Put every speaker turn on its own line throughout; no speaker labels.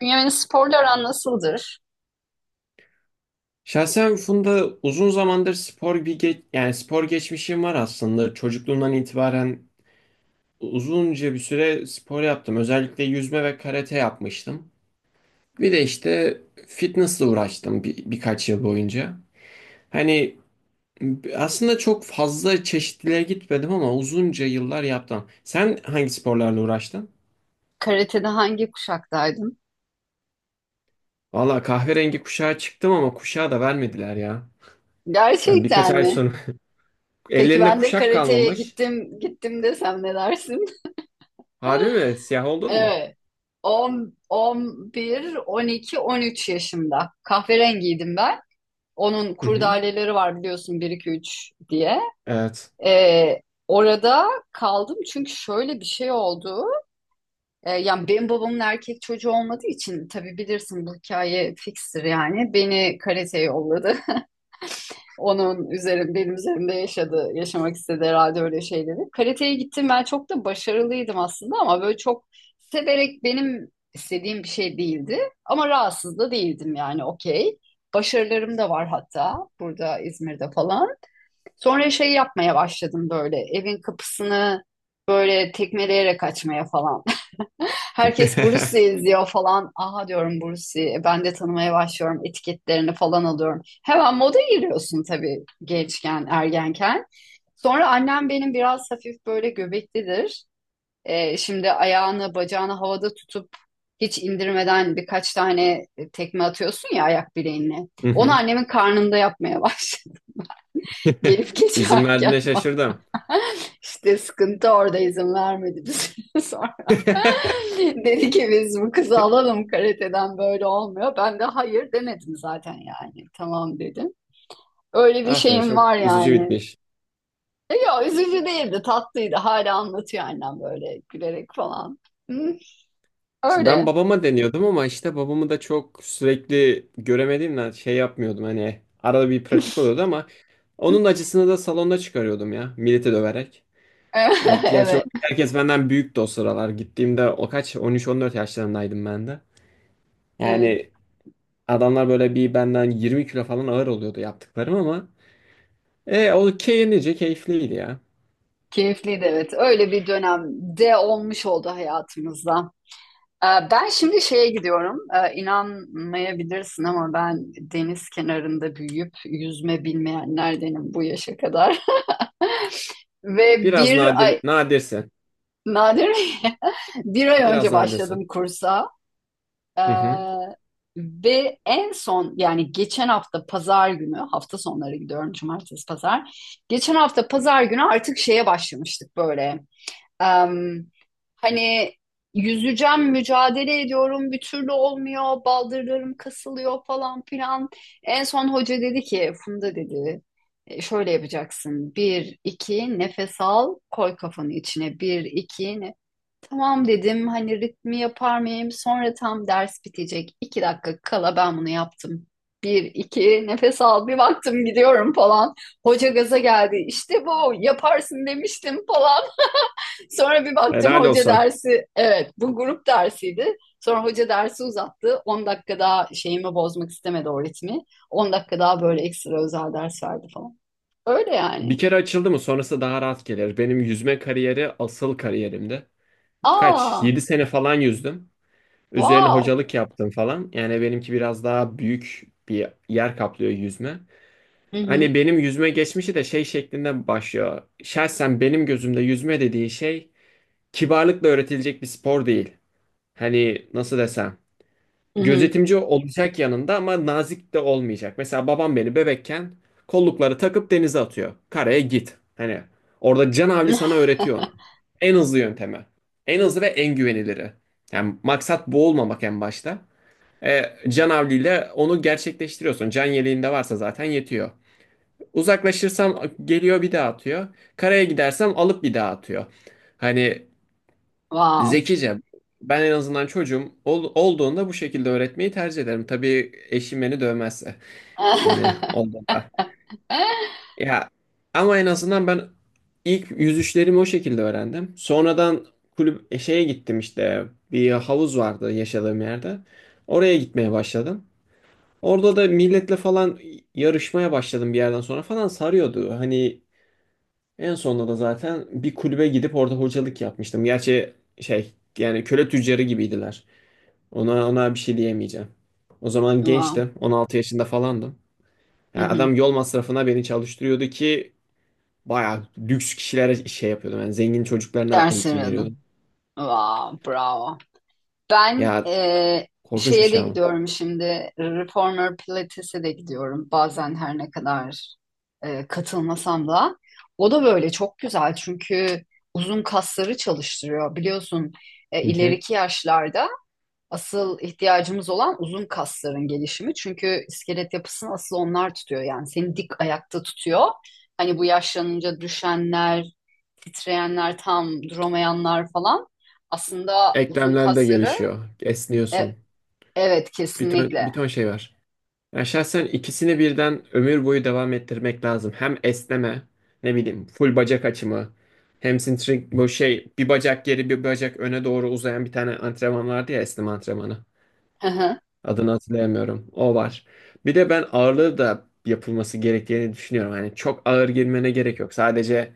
Bünyamin'in sporla aran nasıldır?
Şahsen Funda uzun zamandır yani spor geçmişim var aslında. Çocukluğumdan itibaren uzunca bir süre spor yaptım. Özellikle yüzme ve karate yapmıştım. Bir de işte fitnessle uğraştım bir, birkaç yıl boyunca. Hani aslında çok fazla çeşitliliğe gitmedim ama uzunca yıllar yaptım. Sen hangi sporlarla uğraştın?
Karate'de hangi kuşaktaydın?
Valla kahverengi kuşağa çıktım ama kuşağı da vermediler ya. Yani birkaç
Gerçekten
ay
mi?
sonra
Peki
ellerinde
ben de
kuşak
karateye
kalmamış.
gittim, gittim desem ne dersin?
Harbi mi? Siyah oldun mu?
Evet. 10, 11, 12, 13 yaşında. Kahverengiydim ben. Onun kurdaleleri var biliyorsun bir 2 3 diye.
Evet.
Ee, Orada kaldım çünkü şöyle bir şey oldu. Yani benim babamın erkek çocuğu olmadığı için tabii bilirsin bu hikaye fikstir yani. Beni karateye yolladı. Benim üzerimde yaşamak istedi herhalde öyle şeyleri. Karateye gittim, ben çok da başarılıydım aslında ama böyle çok severek benim istediğim bir şey değildi. Ama rahatsız da değildim yani, okey. Başarılarım da var hatta, burada İzmir'de falan. Sonra şey yapmaya başladım, böyle evin kapısını böyle tekmeleyerek açmaya falan. Herkes Bruce izliyor falan. Aha diyorum Bruce. Ben de tanımaya başlıyorum. Etiketlerini falan alıyorum. Hemen moda giriyorsun tabii, gençken, ergenken. Sonra annem benim biraz hafif böyle göbeklidir. Şimdi ayağını, bacağını havada tutup hiç indirmeden birkaç tane tekme atıyorsun ya ayak bileğinle.
Hı
Onu
hı.
annemin karnında yapmaya başladı. Gelip
İzin
geçerken
verdiğine şaşırdım.
işte sıkıntı orada izin vermedi bize. Dedi ki biz bu kızı alalım karateden, böyle olmuyor. Ben de hayır demedim zaten yani. Tamam dedim. Öyle bir
Ah be
şeyim var
çok üzücü
yani.
bitmiş.
E ya, üzücü değildi, tatlıydı. Hala anlatıyor annem böyle gülerek falan. Hı,
İşte ben
öyle.
babama deniyordum ama işte babamı da çok sürekli göremediğimden şey yapmıyordum hani arada bir pratik oluyordu ama onun acısını da salonda çıkarıyordum ya millete döverek. Yani gerçi
Evet,
orada herkes benden büyüktü o sıralar. Gittiğimde o kaç 13-14 yaşlarındaydım ben de.
evet.
Yani adamlar böyle bir benden 20 kilo falan ağır oluyordu yaptıklarım ama o keyiflice keyifliydi ya.
Keyifliydi, evet. Öyle bir dönemde olmuş oldu hayatımızda. Ben şimdi şeye gidiyorum. İnanmayabilirsin ama ben deniz kenarında büyüyüp yüzme bilmeyenlerdenim bu yaşa kadar. Ve
Biraz
bir ay,
nadirsin.
nadir mi? Bir ay önce
Biraz
başladım
nadirsin.
kursa. Ee,
Hı hı.
Ve en son yani geçen hafta pazar günü, hafta sonları gidiyorum, cumartesi pazar. Geçen hafta pazar günü artık şeye başlamıştık böyle. Em, Hani yüzeceğim, mücadele ediyorum, bir türlü olmuyor, baldırlarım kasılıyor falan filan. En son hoca dedi ki, "Funda" dedi, "E, şöyle yapacaksın. Bir, iki, nefes al, koy kafanı içine. Bir, iki, ne? Tamam" dedim, hani ritmi yapar mıyım? Sonra tam ders bitecek. 2 dakika kala ben bunu yaptım. Bir, iki, nefes al, bir baktım gidiyorum falan. Hoca gaza geldi. İşte bu, yaparsın demiştim falan. Sonra bir baktım
Helal
hoca
olsan.
dersi, evet, bu grup dersiydi. Sonra hoca dersi uzattı. 10 dakika daha şeyimi bozmak istemedi, o ritmi. 10 dakika daha böyle ekstra özel ders verdi falan. Öyle yani.
Bir kere açıldı mı sonrası daha rahat gelir. Benim yüzme kariyeri asıl kariyerimdi. Kaç?
Aa,
7 sene falan yüzdüm. Üzerine
wow.
hocalık yaptım falan. Yani benimki biraz daha büyük bir yer kaplıyor yüzme.
Hı
Hani
hı.
benim yüzme geçmişi de şey şeklinde başlıyor. Şahsen benim gözümde yüzme dediği şey kibarlıkla öğretilecek bir spor değil. Hani nasıl desem?
Hı hı.
Gözetimci olacak yanında ama nazik de olmayacak. Mesela babam beni bebekken kollukları takıp denize atıyor. Karaya git. Hani orada canavli sana öğretiyor onu. En hızlı yöntemi. En hızlı ve en güveniliri. Yani maksat boğulmamak en başta. E, Canavliyle onu gerçekleştiriyorsun. Can yeleğinde varsa zaten yetiyor. Uzaklaşırsam geliyor bir daha atıyor. Karaya gidersem alıp bir daha atıyor. Hani
Wow.
zekice. Ben en azından çocuğum olduğunda bu şekilde öğretmeyi tercih ederim. Tabii eşim beni dövmezse. Yani olduğunda. Ya ama en azından ben ilk yüzüşlerimi o şekilde öğrendim. Sonradan kulüp şeye gittim işte bir havuz vardı yaşadığım yerde. Oraya gitmeye başladım. Orada da milletle falan yarışmaya başladım bir yerden sonra falan sarıyordu. Hani en sonunda da zaten bir kulübe gidip orada hocalık yapmıştım. Gerçi şey yani köle tüccarı gibiydiler. Ona bir şey diyemeyeceğim. O zaman
Wow.
gençtim. 16 yaşında falandım.
Hı
Yani
hı.
adam yol masrafına beni çalıştırıyordu ki bayağı lüks kişilere şey yapıyordum. Yani zengin çocuklarına
Ders
eğitim veriyordum.
aradım. Wow, bravo. Ben
Ya korkunç bir
şeye de
şey ama.
gidiyorum şimdi. Reformer Pilates'e de gidiyorum. Bazen her ne kadar katılmasam da. O da böyle çok güzel çünkü uzun kasları çalıştırıyor. Biliyorsun
Hı hı.
ileriki yaşlarda asıl ihtiyacımız olan uzun kasların gelişimi. Çünkü iskelet yapısını asıl onlar tutuyor. Yani seni dik ayakta tutuyor. Hani bu yaşlanınca düşenler, titreyenler, tam duramayanlar falan. Aslında uzun
Eklemler de
kasları.
gelişiyor.
e,
Esniyorsun.
Evet,
Bir ton,
kesinlikle.
bir ton şey var. Ya şahsen ikisini birden ömür boyu devam ettirmek lazım. Hem esneme, ne bileyim full bacak açımı, hamstring bu şey bir bacak geri bir bacak öne doğru uzayan bir tane antrenman vardı ya esneme antrenmanı.
Hı hı.
Adını hatırlayamıyorum. O var. Bir de ben ağırlığı da yapılması gerektiğini düşünüyorum. Hani çok ağır girmene gerek yok. Sadece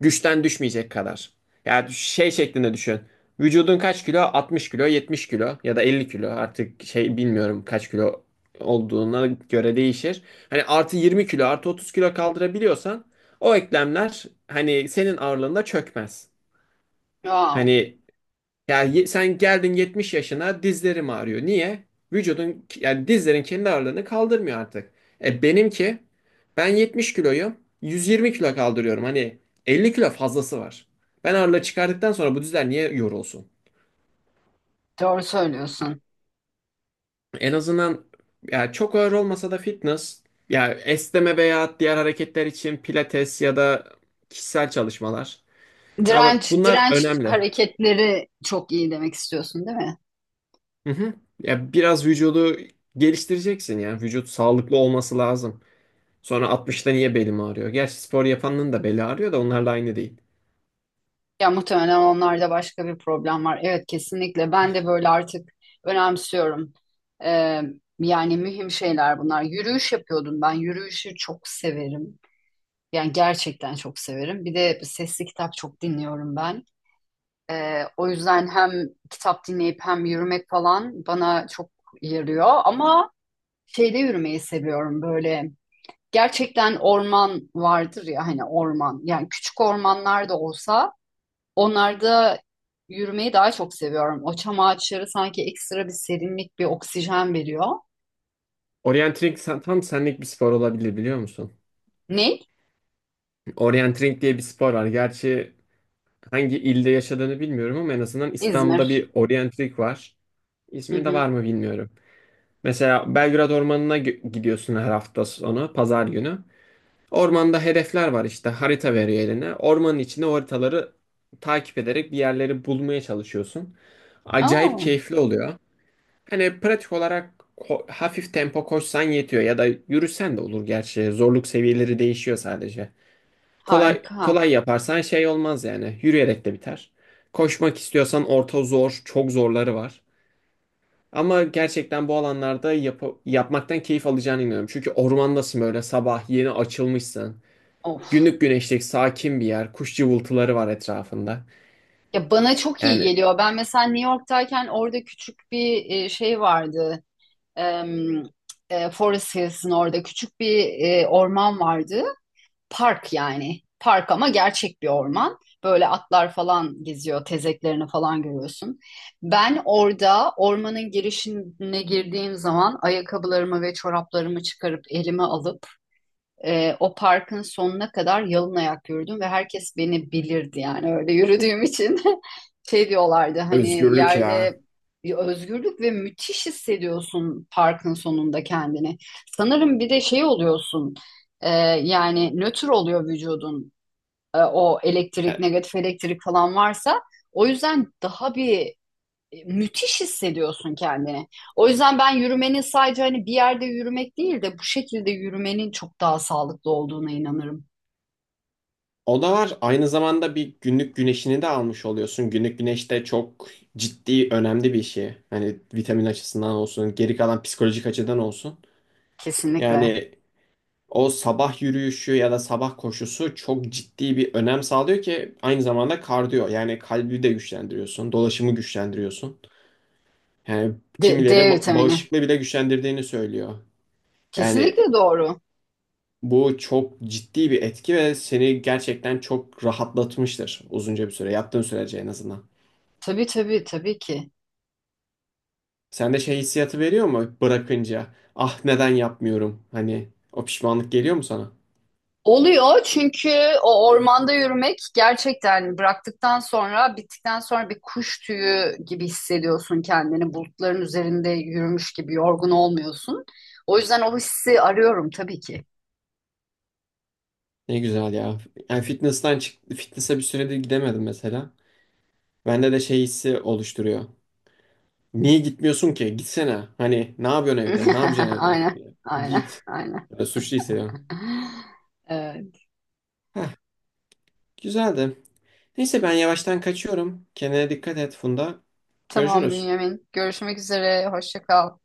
güçten düşmeyecek kadar. Yani şey şeklinde düşün. Vücudun kaç kilo? 60 kilo, 70 kilo ya da 50 kilo. Artık şey bilmiyorum kaç kilo olduğuna göre değişir. Hani artı 20 kilo, artı 30 kilo kaldırabiliyorsan o eklemler hani senin ağırlığında çökmez.
Wow,
Hani ya sen geldin 70 yaşına dizlerim ağrıyor. Niye? Vücudun yani dizlerin kendi ağırlığını kaldırmıyor artık. Benimki ben 70 kiloyum. 120 kilo kaldırıyorum. Hani 50 kilo fazlası var. Ben ağırlığı çıkardıktan sonra bu dizler niye yorulsun?
doğru söylüyorsun.
En azından ya çok ağır olmasa da fitness ya esneme veya diğer hareketler için pilates ya da kişisel çalışmalar. Ha,
Direnç,
bunlar
direnç
önemli.
hareketleri çok iyi demek istiyorsun, değil mi?
Hı hı. Ya biraz vücudu geliştireceksin ya. Vücut sağlıklı olması lazım. Sonra 60'ta niye belim ağrıyor? Gerçi spor yapanın da beli ağrıyor da onlarla aynı değil.
Ya muhtemelen onlarda başka bir problem var. Evet, kesinlikle. Ben de böyle artık önemsiyorum. Ee, Yani mühim şeyler bunlar. Yürüyüş yapıyordum ben. Yürüyüşü çok severim. Yani gerçekten çok severim. Bir de sesli kitap çok dinliyorum ben. O yüzden hem kitap dinleyip hem yürümek falan bana çok yarıyor ama şeyde yürümeyi seviyorum böyle. Gerçekten orman vardır ya, hani orman. Yani küçük ormanlar da olsa onlarda yürümeyi daha çok seviyorum. O çam ağaçları sanki ekstra bir serinlik, bir oksijen veriyor.
Orienteering tam senlik bir spor olabilir biliyor musun?
Ne?
Orienteering diye bir spor var. Gerçi hangi ilde yaşadığını bilmiyorum ama en azından İstanbul'da
İzmir.
bir orienteering var.
Hı
İzmir'de
hı.
var mı bilmiyorum. Mesela Belgrad Ormanı'na gidiyorsun her hafta sonu, pazar günü. Ormanda hedefler var işte harita veriyor eline. Ormanın içinde o haritaları takip ederek bir yerleri bulmaya çalışıyorsun. Acayip
Aa,
keyifli oluyor. Hani pratik olarak hafif tempo koşsan yetiyor ya da yürüsen de olur gerçi. Zorluk seviyeleri değişiyor sadece. Kolay
harika.
kolay yaparsan şey olmaz yani. Yürüyerek de biter. Koşmak istiyorsan orta zor, çok zorları var. Ama gerçekten bu alanlarda yapmaktan keyif alacağına inanıyorum. Çünkü ormandasın böyle sabah yeni açılmışsın.
Of.
Günlük güneşlik, sakin bir yer. Kuş cıvıltıları var etrafında.
Ya bana çok iyi
Yani
geliyor. Ben mesela New York'tayken orada küçük bir şey vardı. Em, Forest Hills'in orada küçük bir orman vardı. Park yani. Park ama gerçek bir orman. Böyle atlar falan geziyor, tezeklerini falan görüyorsun. Ben orada ormanın girişine girdiğim zaman ayakkabılarımı ve çoraplarımı çıkarıp elime alıp o parkın sonuna kadar yalın ayak yürüdüm ve herkes beni bilirdi yani öyle yürüdüğüm için. Şey diyorlardı, hani
özgürlük ya.
yerde bir özgürlük ve müthiş hissediyorsun parkın sonunda kendini. Sanırım bir de şey oluyorsun, e, yani nötr oluyor vücudun. O elektrik,
E,
negatif elektrik falan varsa, o yüzden daha bir müthiş hissediyorsun kendini. O yüzden ben yürümenin sadece hani bir yerde yürümek değil de bu şekilde yürümenin çok daha sağlıklı olduğuna inanırım.
O da var. Aynı zamanda bir günlük güneşini de almış oluyorsun. Günlük güneş de çok ciddi, önemli bir şey. Hani vitamin açısından olsun, geri kalan psikolojik açıdan olsun.
Kesinlikle.
Yani o sabah yürüyüşü ya da sabah koşusu çok ciddi bir önem sağlıyor ki aynı zamanda kardiyo. Yani kalbi de güçlendiriyorsun, dolaşımı güçlendiriyorsun. Yani
D
kimileri
vitamini.
bağışıklığı bile güçlendirdiğini söylüyor. Yani
Kesinlikle doğru.
bu çok ciddi bir etki ve seni gerçekten çok rahatlatmıştır uzunca bir süre, yaptığın sürece en azından.
Tabii, tabii, tabii ki.
Sen de şey hissiyatı veriyor mu bırakınca? Ah neden yapmıyorum? Hani o pişmanlık geliyor mu sana?
Oluyor çünkü o ormanda yürümek gerçekten, bıraktıktan sonra, bittikten sonra bir kuş tüyü gibi hissediyorsun kendini. Bulutların üzerinde yürümüş gibi, yorgun olmuyorsun. O yüzden o hissi arıyorum tabii ki.
Ne güzel ya. Yani fitness'tan çıktı, fitness'e bir süredir gidemedim mesela. Bende de şey hissi oluşturuyor. Niye gitmiyorsun ki? Gitsene. Hani ne yapıyorsun evde? Ne yapacaksın evde?
Aynen, aynen,
Git.
aynen.
Böyle suçlu hissediyorum.
Ee,
Heh, güzeldi. Neyse ben yavaştan kaçıyorum. Kendine dikkat et Funda.
tamam
Görüşürüz.
Bünyamin. Görüşmek üzere. Hoşça kal.